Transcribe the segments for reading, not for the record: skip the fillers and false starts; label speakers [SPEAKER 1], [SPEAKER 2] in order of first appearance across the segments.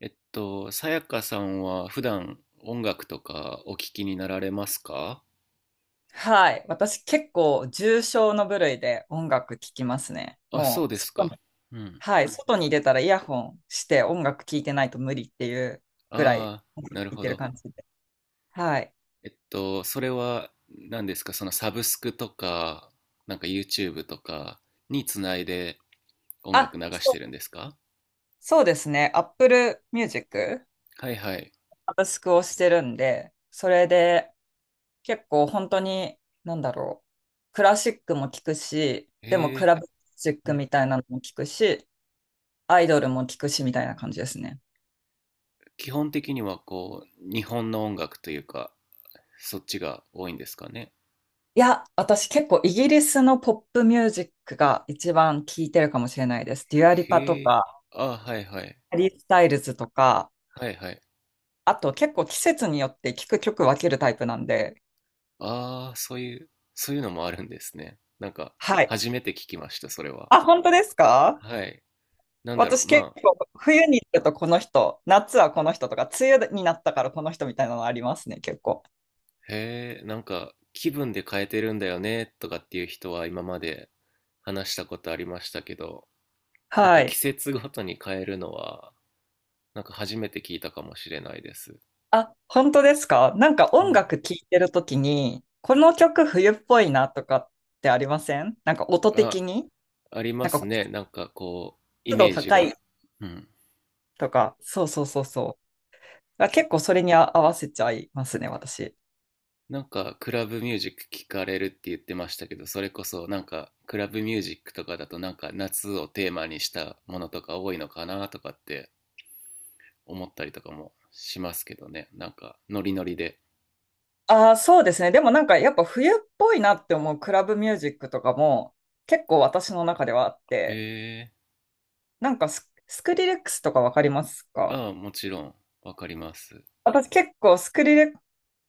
[SPEAKER 1] さやかさんは普段音楽とかお聞きになられますか？
[SPEAKER 2] はい。私結構重症の部類で音楽聴きますね。
[SPEAKER 1] あ、そう
[SPEAKER 2] もう
[SPEAKER 1] です
[SPEAKER 2] 外
[SPEAKER 1] か。
[SPEAKER 2] に、
[SPEAKER 1] うん。
[SPEAKER 2] はい。外に出たらイヤホンして音楽聴いてないと無理っていうぐらい
[SPEAKER 1] ああ、
[SPEAKER 2] 音楽聴
[SPEAKER 1] なる
[SPEAKER 2] い
[SPEAKER 1] ほ
[SPEAKER 2] てる
[SPEAKER 1] ど。
[SPEAKER 2] 感じで。はい。
[SPEAKER 1] それは何ですか？そのサブスクとか、なんか YouTube とかにつないで音楽
[SPEAKER 2] あ、
[SPEAKER 1] 流して
[SPEAKER 2] そ
[SPEAKER 1] るん
[SPEAKER 2] う、
[SPEAKER 1] ですか？
[SPEAKER 2] そうですね。Apple Music、
[SPEAKER 1] はいはい。
[SPEAKER 2] サブスクをしてるんで、それで結構本当に、なんだろう。クラシックも聴くし、でも
[SPEAKER 1] へ
[SPEAKER 2] ク
[SPEAKER 1] え、
[SPEAKER 2] ラブミュージッ
[SPEAKER 1] う
[SPEAKER 2] ク
[SPEAKER 1] ん。
[SPEAKER 2] みたいなのも聴くし、アイドルも聴くしみたいな感じですね。
[SPEAKER 1] 基本的にはこう、日本の音楽というか、そっちが多いんですかね。
[SPEAKER 2] いや、私結構イギリスのポップミュージックが一番聴いてるかもしれないです。デュアリパと
[SPEAKER 1] へえ、
[SPEAKER 2] か、
[SPEAKER 1] ああ、はいはい。
[SPEAKER 2] ハリー・スタイルズとか、
[SPEAKER 1] はいはい。
[SPEAKER 2] あと結構季節によって聴く曲分けるタイプなんで。
[SPEAKER 1] ああ、そういうのもあるんですね。なんか、
[SPEAKER 2] はい。
[SPEAKER 1] 初めて聞きました、それは。
[SPEAKER 2] あ、本当ですか？
[SPEAKER 1] はい。なんだろ
[SPEAKER 2] 私
[SPEAKER 1] う、
[SPEAKER 2] 結
[SPEAKER 1] まあ、
[SPEAKER 2] 構冬に行くとこの人、夏はこの人とか、梅雨になったからこの人みたいなのありますね、結構。
[SPEAKER 1] へえ、なんか、気分で変えてるんだよね、とかっていう人は今まで話したことありましたけど、なん
[SPEAKER 2] は
[SPEAKER 1] か季
[SPEAKER 2] い。
[SPEAKER 1] 節ごとに変えるのは、なんか初めて聞いたかもしれないです。
[SPEAKER 2] あ、本当ですか？なんか
[SPEAKER 1] う
[SPEAKER 2] 音
[SPEAKER 1] ん。
[SPEAKER 2] 楽聴いてるときに、この曲冬っぽいなとかってありません？なんか音
[SPEAKER 1] あ、
[SPEAKER 2] 的に、
[SPEAKER 1] ありま
[SPEAKER 2] なん
[SPEAKER 1] す
[SPEAKER 2] か
[SPEAKER 1] ね。なんかこう、イ
[SPEAKER 2] 湿度
[SPEAKER 1] メージ
[SPEAKER 2] 高い
[SPEAKER 1] が。うん。
[SPEAKER 2] とか、そうそうそうそう。あ、結構それに合わせちゃいますね、私。
[SPEAKER 1] なんかクラブミュージック聞かれるって言ってましたけど、それこそなんかクラブミュージックとかだとなんか夏をテーマにしたものとか多いのかなとかって思ったりとかもしますけどね。なんかノリノリで。
[SPEAKER 2] ああ、そうですね。でもなんかやっぱ冬っぽいなって思うクラブミュージックとかも結構私の中ではあって、
[SPEAKER 1] え
[SPEAKER 2] なんかスクリレックスとかわかります
[SPEAKER 1] ー、
[SPEAKER 2] か？
[SPEAKER 1] ああ、もちろんわかります。
[SPEAKER 2] 私結構スクリレッ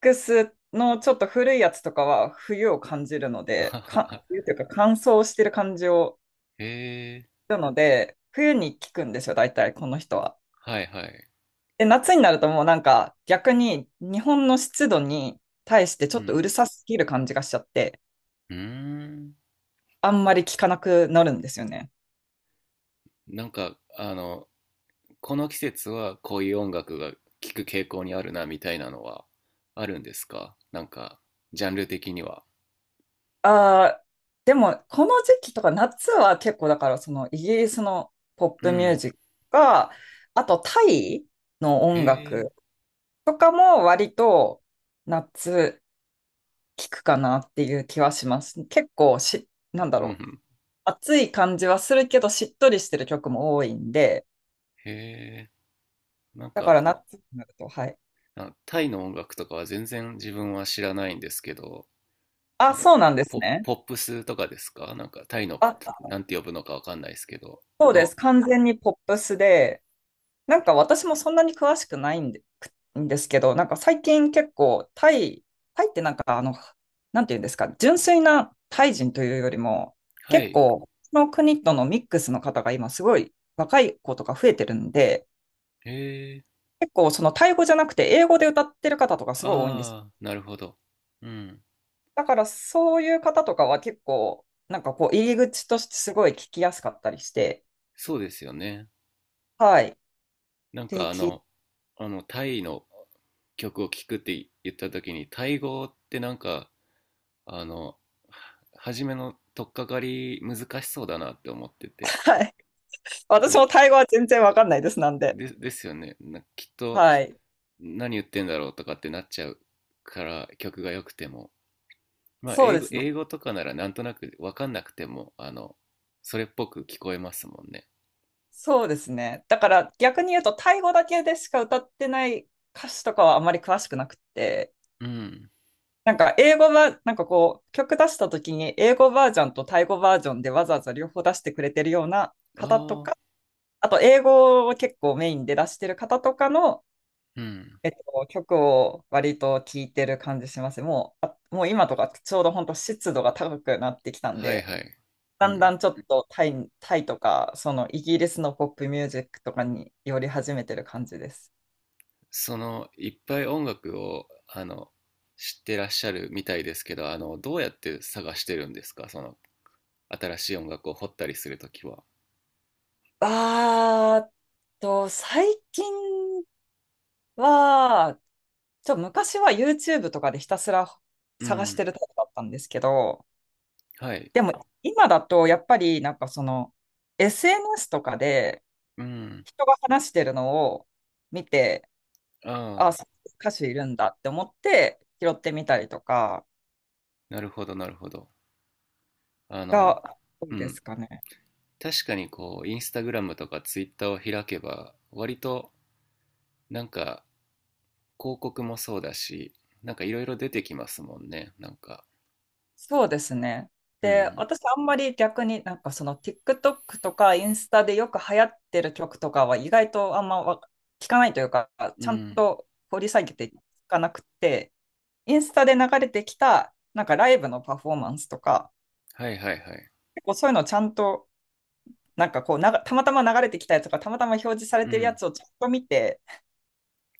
[SPEAKER 2] クスのちょっと古いやつとかは冬を感じるので、か、冬 というか乾燥してる感じを
[SPEAKER 1] え
[SPEAKER 2] するので、冬に聞くんですよ、大体この人は。
[SPEAKER 1] ー、はいはい。
[SPEAKER 2] で、夏になるともうなんか逆に日本の湿度に対してち
[SPEAKER 1] う
[SPEAKER 2] ょっとう
[SPEAKER 1] ん。
[SPEAKER 2] るさすぎる感じがしちゃって、
[SPEAKER 1] うーん。
[SPEAKER 2] あんまり効かなくなるんですよね。
[SPEAKER 1] なんかあの、この季節はこういう音楽が聴く傾向にあるなみたいなのはあるんですか？なんかジャンル的には。
[SPEAKER 2] ああ、でもこの時期とか夏は結構だからそのイギリスのポッ
[SPEAKER 1] う
[SPEAKER 2] プミュー
[SPEAKER 1] ん。
[SPEAKER 2] ジックが、あとタイの
[SPEAKER 1] へ
[SPEAKER 2] 音
[SPEAKER 1] え。
[SPEAKER 2] 楽とかも割と夏聞くかなっていう気はします。結構し、なんだ
[SPEAKER 1] うんう
[SPEAKER 2] ろう。
[SPEAKER 1] ん。
[SPEAKER 2] 暑い感じはするけどしっとりしてる曲も多いんで、
[SPEAKER 1] へえ。なん
[SPEAKER 2] だから
[SPEAKER 1] か、
[SPEAKER 2] 夏になると、はい。
[SPEAKER 1] あ、タイの音楽とかは全然自分は知らないんですけど、な
[SPEAKER 2] あ、
[SPEAKER 1] んか
[SPEAKER 2] そうなんですね。
[SPEAKER 1] ポップスとかですか？なんかタイの、
[SPEAKER 2] あ、
[SPEAKER 1] なんて呼ぶのかわかんないですけど。
[SPEAKER 2] そう
[SPEAKER 1] タ
[SPEAKER 2] で
[SPEAKER 1] イ。
[SPEAKER 2] す。完
[SPEAKER 1] うん、
[SPEAKER 2] 全にポップスで、なんか私もそんなに詳しくないんで、くんですけど、なんか最近結構タイってなんかあの、なんていうんですか、純粋なタイ人というよりも、
[SPEAKER 1] は
[SPEAKER 2] 結
[SPEAKER 1] い。
[SPEAKER 2] 構、その国とのミックスの方が今すごい若い子とか増えてるんで、
[SPEAKER 1] へえ。
[SPEAKER 2] 結構そのタイ語じゃなくて英語で歌ってる方とかすごい多いんですよ。
[SPEAKER 1] ああ、なるほど。うん。
[SPEAKER 2] だからそういう方とかは結構、なんかこう入り口としてすごい聞きやすかったりして、
[SPEAKER 1] そうですよね。
[SPEAKER 2] はい。
[SPEAKER 1] なん
[SPEAKER 2] で、
[SPEAKER 1] か
[SPEAKER 2] 聞い
[SPEAKER 1] タイの曲を聴くって言った時に、タイ語ってなんか、あの、は初めの取っかかり難しそうだなって思ってて。
[SPEAKER 2] はい。私
[SPEAKER 1] な、
[SPEAKER 2] もタイ語は全然わかんないです、なんで。
[SPEAKER 1] でですよね、な、きっと。
[SPEAKER 2] はい。
[SPEAKER 1] 何言ってんだろうとかってなっちゃうから、曲が良くても、まあ
[SPEAKER 2] そう
[SPEAKER 1] 英
[SPEAKER 2] で
[SPEAKER 1] 語
[SPEAKER 2] すね。
[SPEAKER 1] 英語とかならなんとなく分かんなくても、それっぽく聞こえますもんね。
[SPEAKER 2] そうですね。だから逆に言うと、タイ語だけでしか歌ってない歌詞とかはあまり詳しくなくて、
[SPEAKER 1] うん。
[SPEAKER 2] なんか英語は、なんかこう、曲出した時に英語バージョンとタイ語バージョンでわざわざ両方出してくれてるような方と
[SPEAKER 1] ああ。
[SPEAKER 2] か、あと英語を結構メインで出してる方とかの、
[SPEAKER 1] うん。
[SPEAKER 2] 曲を割と聴いてる感じします。もう、あもう今とかちょうど本当湿度が高くなってきたん
[SPEAKER 1] はい
[SPEAKER 2] で、
[SPEAKER 1] はい。
[SPEAKER 2] だ
[SPEAKER 1] う
[SPEAKER 2] んだ
[SPEAKER 1] ん。
[SPEAKER 2] んちょっとタイとか、そのイギリスのポップミュージックとかに寄り始めてる感じです。
[SPEAKER 1] その、いっぱい音楽を知ってらっしゃるみたいですけど、どうやって探してるんですか？その新しい音楽を掘ったりするときは。
[SPEAKER 2] あーっと、最近は、昔は YouTube とかでひたすら
[SPEAKER 1] う
[SPEAKER 2] 探して
[SPEAKER 1] ん。
[SPEAKER 2] るタイプだったんですけど、
[SPEAKER 1] はい。
[SPEAKER 2] でも今だとやっぱりなんかその SNS とかで
[SPEAKER 1] うん。
[SPEAKER 2] 人が話してるのを見て、あ、
[SPEAKER 1] ああ、
[SPEAKER 2] そういう歌手いるんだって思って拾ってみたりとか
[SPEAKER 1] なるほど、なるほど。あ
[SPEAKER 2] が
[SPEAKER 1] の、
[SPEAKER 2] 多
[SPEAKER 1] う
[SPEAKER 2] いで
[SPEAKER 1] ん。
[SPEAKER 2] すかね。
[SPEAKER 1] 確かにこう、インスタグラムとかツイッターを開けば、割となんか広告もそうだし、なんかいろいろ出てきますもんね。なんか、
[SPEAKER 2] そうですね。
[SPEAKER 1] う
[SPEAKER 2] で、
[SPEAKER 1] ん、
[SPEAKER 2] 私あんまり逆になんかその TikTok とかインスタでよく流行ってる曲とかは意外とあんまわ聞かないというか、
[SPEAKER 1] う
[SPEAKER 2] ちゃん
[SPEAKER 1] ん、
[SPEAKER 2] と掘り下げていかなくて、インスタで流れてきたなんかライブのパフォーマンスとか、
[SPEAKER 1] はいはいはい、
[SPEAKER 2] 結構そういうのをちゃんとなんかこうながたまたま流れてきたやつとか、たまたま表示され
[SPEAKER 1] う
[SPEAKER 2] てるや
[SPEAKER 1] ん、
[SPEAKER 2] つをちゃんと見て、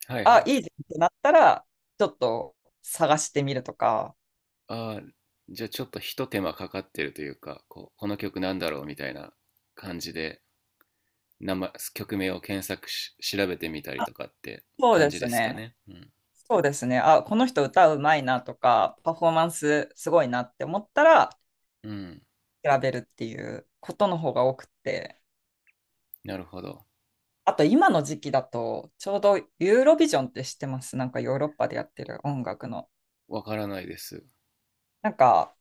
[SPEAKER 1] はいは
[SPEAKER 2] あ、
[SPEAKER 1] い。
[SPEAKER 2] いいじゃんってなったら、ちょっと探してみるとか。
[SPEAKER 1] ああ、じゃあちょっとひと手間かかってるというか、こう、この曲なんだろうみたいな感じで、名前、曲名を検索し、調べてみたり
[SPEAKER 2] あ、
[SPEAKER 1] とかって
[SPEAKER 2] そう
[SPEAKER 1] 感
[SPEAKER 2] で
[SPEAKER 1] じ
[SPEAKER 2] す
[SPEAKER 1] ですか
[SPEAKER 2] ね。
[SPEAKER 1] ね。うん、
[SPEAKER 2] そうですね。あ、この人歌うまいなとか、パフォーマンスすごいなって思ったら、
[SPEAKER 1] うん、
[SPEAKER 2] 調べるっていうことの方が多くて。
[SPEAKER 1] なるほど。
[SPEAKER 2] あと今の時期だと、ちょうどユーロビジョンって知ってます？なんかヨーロッパでやってる音楽の。
[SPEAKER 1] わからないです。
[SPEAKER 2] なんか、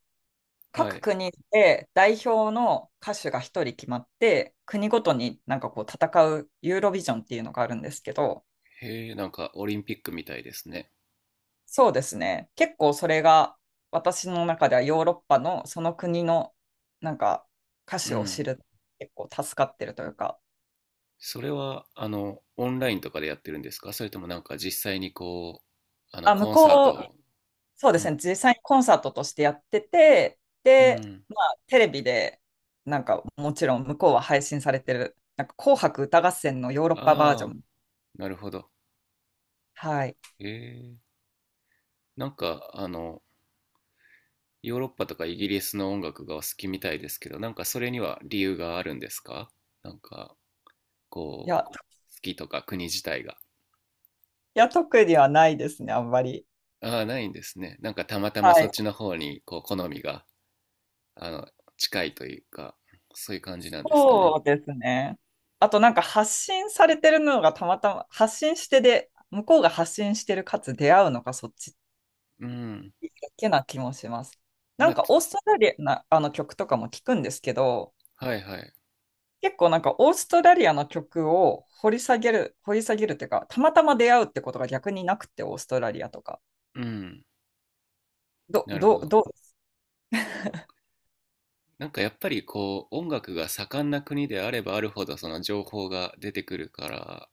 [SPEAKER 1] は
[SPEAKER 2] 各
[SPEAKER 1] い。
[SPEAKER 2] 国で代表の歌手が一人決まって、国ごとになんかこう戦うユーロビジョンっていうのがあるんですけど、
[SPEAKER 1] へえ、なんかオリンピックみたいですね。
[SPEAKER 2] そうですね。結構それが私の中ではヨーロッパのその国のなんか歌
[SPEAKER 1] う
[SPEAKER 2] 手を
[SPEAKER 1] ん。
[SPEAKER 2] 知る結構助かってるというか、
[SPEAKER 1] それは、オンラインとかでやってるんですか？それともなんか実際にこう、
[SPEAKER 2] あ、向
[SPEAKER 1] コンサー
[SPEAKER 2] こう、
[SPEAKER 1] ト。
[SPEAKER 2] そうで
[SPEAKER 1] う
[SPEAKER 2] す
[SPEAKER 1] ん。
[SPEAKER 2] ね、実際にコンサートとしてやってて、
[SPEAKER 1] う
[SPEAKER 2] で、
[SPEAKER 1] ん。
[SPEAKER 2] まあテレビでなんかもちろん向こうは配信されてる、なんか紅白歌合戦のヨーロッパバージョ
[SPEAKER 1] ああ、
[SPEAKER 2] ン。
[SPEAKER 1] なるほど。
[SPEAKER 2] はい。
[SPEAKER 1] へえ。なんか、ヨーロッパとかイギリスの音楽がお好きみたいですけど、なんかそれには理由があるんですか？なんか、
[SPEAKER 2] い
[SPEAKER 1] こ
[SPEAKER 2] や、
[SPEAKER 1] う、好きとか国自体が。
[SPEAKER 2] いや特にはないですね、あんまり。
[SPEAKER 1] ああ、ないんですね。なんかたまたま
[SPEAKER 2] は
[SPEAKER 1] そっ
[SPEAKER 2] い。
[SPEAKER 1] ちの方に、こう、好みが、あの、近いというか、そういう感じなんですかね。
[SPEAKER 2] そうですね。あとなんか発信されてるのがたまたま発信してで、向こうが発信してるかつ出会うのがそっち
[SPEAKER 1] うん。
[SPEAKER 2] だけな気もします。な
[SPEAKER 1] ま
[SPEAKER 2] ん
[SPEAKER 1] あ、
[SPEAKER 2] かオーストラリアなあの曲とかも聞くんですけど、
[SPEAKER 1] はいはい。
[SPEAKER 2] 結構なんかオーストラリアの曲を掘り下げるっていうか、たまたま出会うってことが逆になくて、オーストラリアとか。
[SPEAKER 1] うん。なるほど。
[SPEAKER 2] どうです？
[SPEAKER 1] なんかやっぱりこう音楽が盛んな国であればあるほど、その情報が出てくるから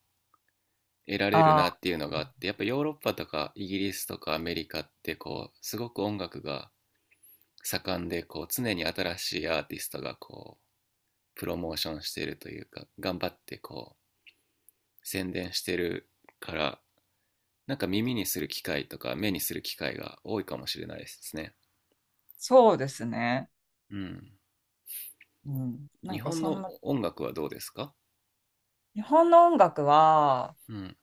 [SPEAKER 1] 得られる
[SPEAKER 2] ああ
[SPEAKER 1] なっていうのが
[SPEAKER 2] ー、
[SPEAKER 1] あって、やっぱヨーロッパとかイギリスとかアメリカってこうすごく音楽が盛んで、こう常に新しいアーティストがこうプロモーションしてるというか、頑張ってこう宣伝してるから、なんか耳にする機会とか目にする機会が多いかもしれないですね。
[SPEAKER 2] そうですね。
[SPEAKER 1] うん。
[SPEAKER 2] うん。な
[SPEAKER 1] 日
[SPEAKER 2] んか
[SPEAKER 1] 本
[SPEAKER 2] そん
[SPEAKER 1] の
[SPEAKER 2] な、
[SPEAKER 1] 音楽はどうですか？
[SPEAKER 2] 日本の音楽は、
[SPEAKER 1] うん。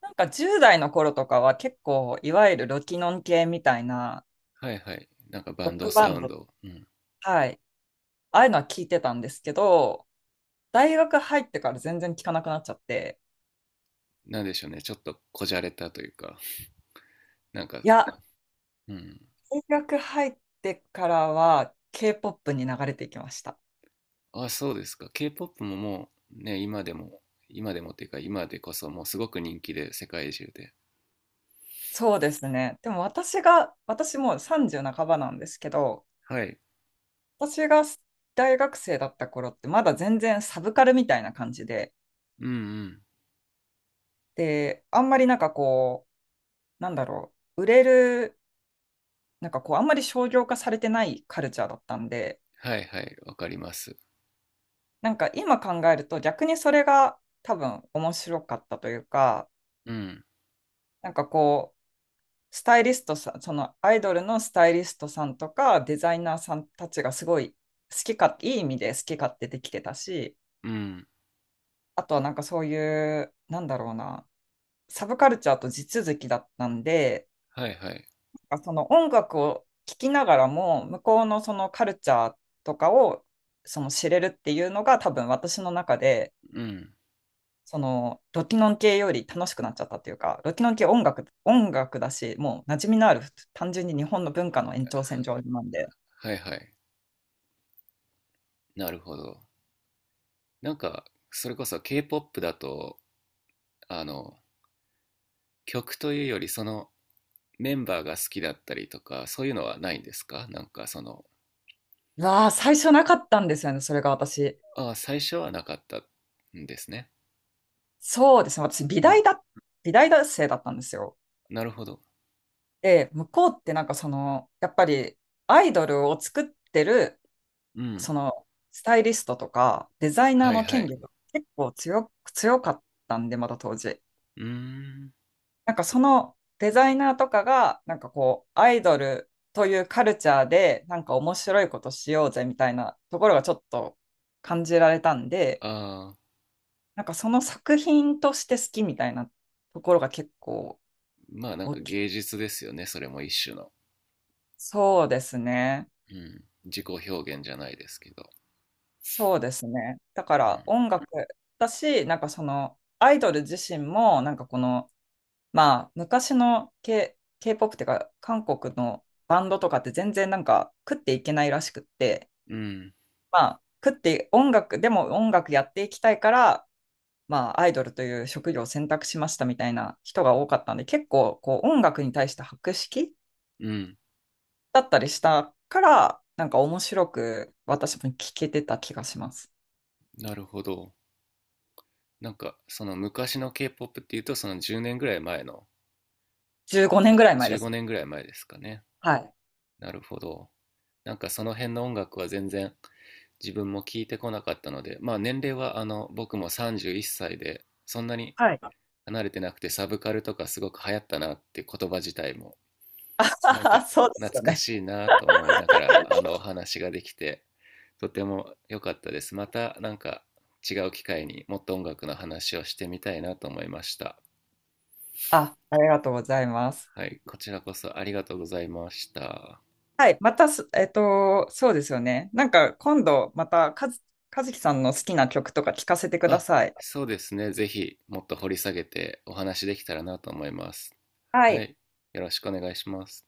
[SPEAKER 2] なんか10代の頃とかは結構、いわゆるロキノン系みたいな、
[SPEAKER 1] はいはい。なんかバ
[SPEAKER 2] ロ
[SPEAKER 1] ン
[SPEAKER 2] ッ
[SPEAKER 1] ド
[SPEAKER 2] クバ
[SPEAKER 1] サ
[SPEAKER 2] ン
[SPEAKER 1] ウン
[SPEAKER 2] ド、
[SPEAKER 1] ド。うん。
[SPEAKER 2] はい、ああいうのは聞いてたんですけど、大学入ってから全然聞かなくなっちゃって、
[SPEAKER 1] なんでしょうね。ちょっとこじゃれたというか。なんか、
[SPEAKER 2] いや、
[SPEAKER 1] うん。
[SPEAKER 2] 大学入ってからは K-POP に流れていきました。
[SPEAKER 1] あ、そうですか。K-POP ももうね、今でもっていうか、今でこそもうすごく人気で、世界中で。
[SPEAKER 2] そうですね。でも私もう30半ばなんですけど、
[SPEAKER 1] はい。
[SPEAKER 2] 私が大学生だった頃ってまだ全然サブカルみたいな感じで、
[SPEAKER 1] うんうん。
[SPEAKER 2] で、あんまりなんかこう、なんだろう、売れるなんかこう、あんまり商業化されてないカルチャーだったんで、
[SPEAKER 1] はいはい。わかります。
[SPEAKER 2] なんか今考えると逆にそれが多分面白かったというか、
[SPEAKER 1] うん。
[SPEAKER 2] なんかこう、スタイリストさん、そのアイドルのスタイリストさんとかデザイナーさんたちがすごい好きか、いい意味で好き勝手できてたし、
[SPEAKER 1] うん。
[SPEAKER 2] あとはなんかそういう、なんだろうな、サブカルチャーと地続きだったんで、
[SPEAKER 1] はいはい。
[SPEAKER 2] かその音楽を聴きながらも向こうのそのカルチャーとかをその知れるっていうのが多分私の中で
[SPEAKER 1] うん。
[SPEAKER 2] そのロキノン系より楽しくなっちゃったっていうかロキノン系音楽音楽だしもう馴染みのある単純に日本の文化の延長線上なんで、
[SPEAKER 1] はいはい。なるほど。なんか、それこそ K-POP だと、あの、曲というより、その、メンバーが好きだったりとか、そういうのはないんですか？なんかその、
[SPEAKER 2] うわあ最初なかったんですよねそれが私。
[SPEAKER 1] ああ、最初はなかったんですね。
[SPEAKER 2] そうですね。私
[SPEAKER 1] うん。
[SPEAKER 2] 美大学生だったんですよ。
[SPEAKER 1] なるほど。
[SPEAKER 2] で向こうってなんかそのやっぱりアイドルを作ってる
[SPEAKER 1] うん。
[SPEAKER 2] そのスタイリストとかデザイナー
[SPEAKER 1] はい
[SPEAKER 2] の
[SPEAKER 1] は
[SPEAKER 2] 権
[SPEAKER 1] い。
[SPEAKER 2] 利が結構強かったんで、まだ当時。
[SPEAKER 1] うーん。
[SPEAKER 2] なんかそのデザイナーとかが、なんかこう、アイドルというカルチャーで、なんか面白いことしようぜみたいなところがちょっと感じられたんで、
[SPEAKER 1] ああ、
[SPEAKER 2] なんかその作品として好きみたいなところが結構
[SPEAKER 1] まあなん
[SPEAKER 2] 大
[SPEAKER 1] か
[SPEAKER 2] きい。
[SPEAKER 1] 芸術ですよね。それも一種の。
[SPEAKER 2] そうですね。
[SPEAKER 1] うん。自己表現じゃないですけど。
[SPEAKER 2] そうですね。だか
[SPEAKER 1] う
[SPEAKER 2] ら
[SPEAKER 1] ん。
[SPEAKER 2] 音楽だし、なんかそのアイドル自身も、なんかこの、まあ、昔の K-POP っていうか、韓国のバンドとかって全然なんか食っていけないらしくって、
[SPEAKER 1] うん。
[SPEAKER 2] まあ、食って音楽、でも音楽やっていきたいから、まあ、アイドルという職業を選択しましたみたいな人が多かったんで、結構こう音楽に対して博識
[SPEAKER 1] うん。
[SPEAKER 2] だったりしたから、なんか面白く私も聞けてた気がします。
[SPEAKER 1] なるほど。なんかその昔の K-POP っていうと、その10年ぐらい前の、
[SPEAKER 2] 15年
[SPEAKER 1] あ、
[SPEAKER 2] ぐらい前
[SPEAKER 1] 15
[SPEAKER 2] です。
[SPEAKER 1] 年ぐらい前ですかね。
[SPEAKER 2] はい。
[SPEAKER 1] なるほど。なんかその辺の音楽は全然自分も聞いてこなかったので、まあ年齢は僕も31歳で、そんなに
[SPEAKER 2] はい。
[SPEAKER 1] 離れてなくて、サブカルとかすごく流行ったなって言葉自体も、なんか
[SPEAKER 2] そうです
[SPEAKER 1] 懐
[SPEAKER 2] よ
[SPEAKER 1] か
[SPEAKER 2] ね。
[SPEAKER 1] しいなと思いながら、お話ができて、とても良かったです。またなんか違う機会にもっと音楽の話をしてみたいなと思いました。
[SPEAKER 2] あ、ありがとうございます。
[SPEAKER 1] はい、こちらこそありがとうございました。
[SPEAKER 2] はい、またす、えっと、そうですよね。なんか今度また、かずきさんの好きな曲とか聞かせてくだ
[SPEAKER 1] あ、
[SPEAKER 2] さい。
[SPEAKER 1] そうですね。ぜひもっと掘り下げてお話できたらなと思います。
[SPEAKER 2] は
[SPEAKER 1] は
[SPEAKER 2] い。
[SPEAKER 1] い、よろしくお願いします。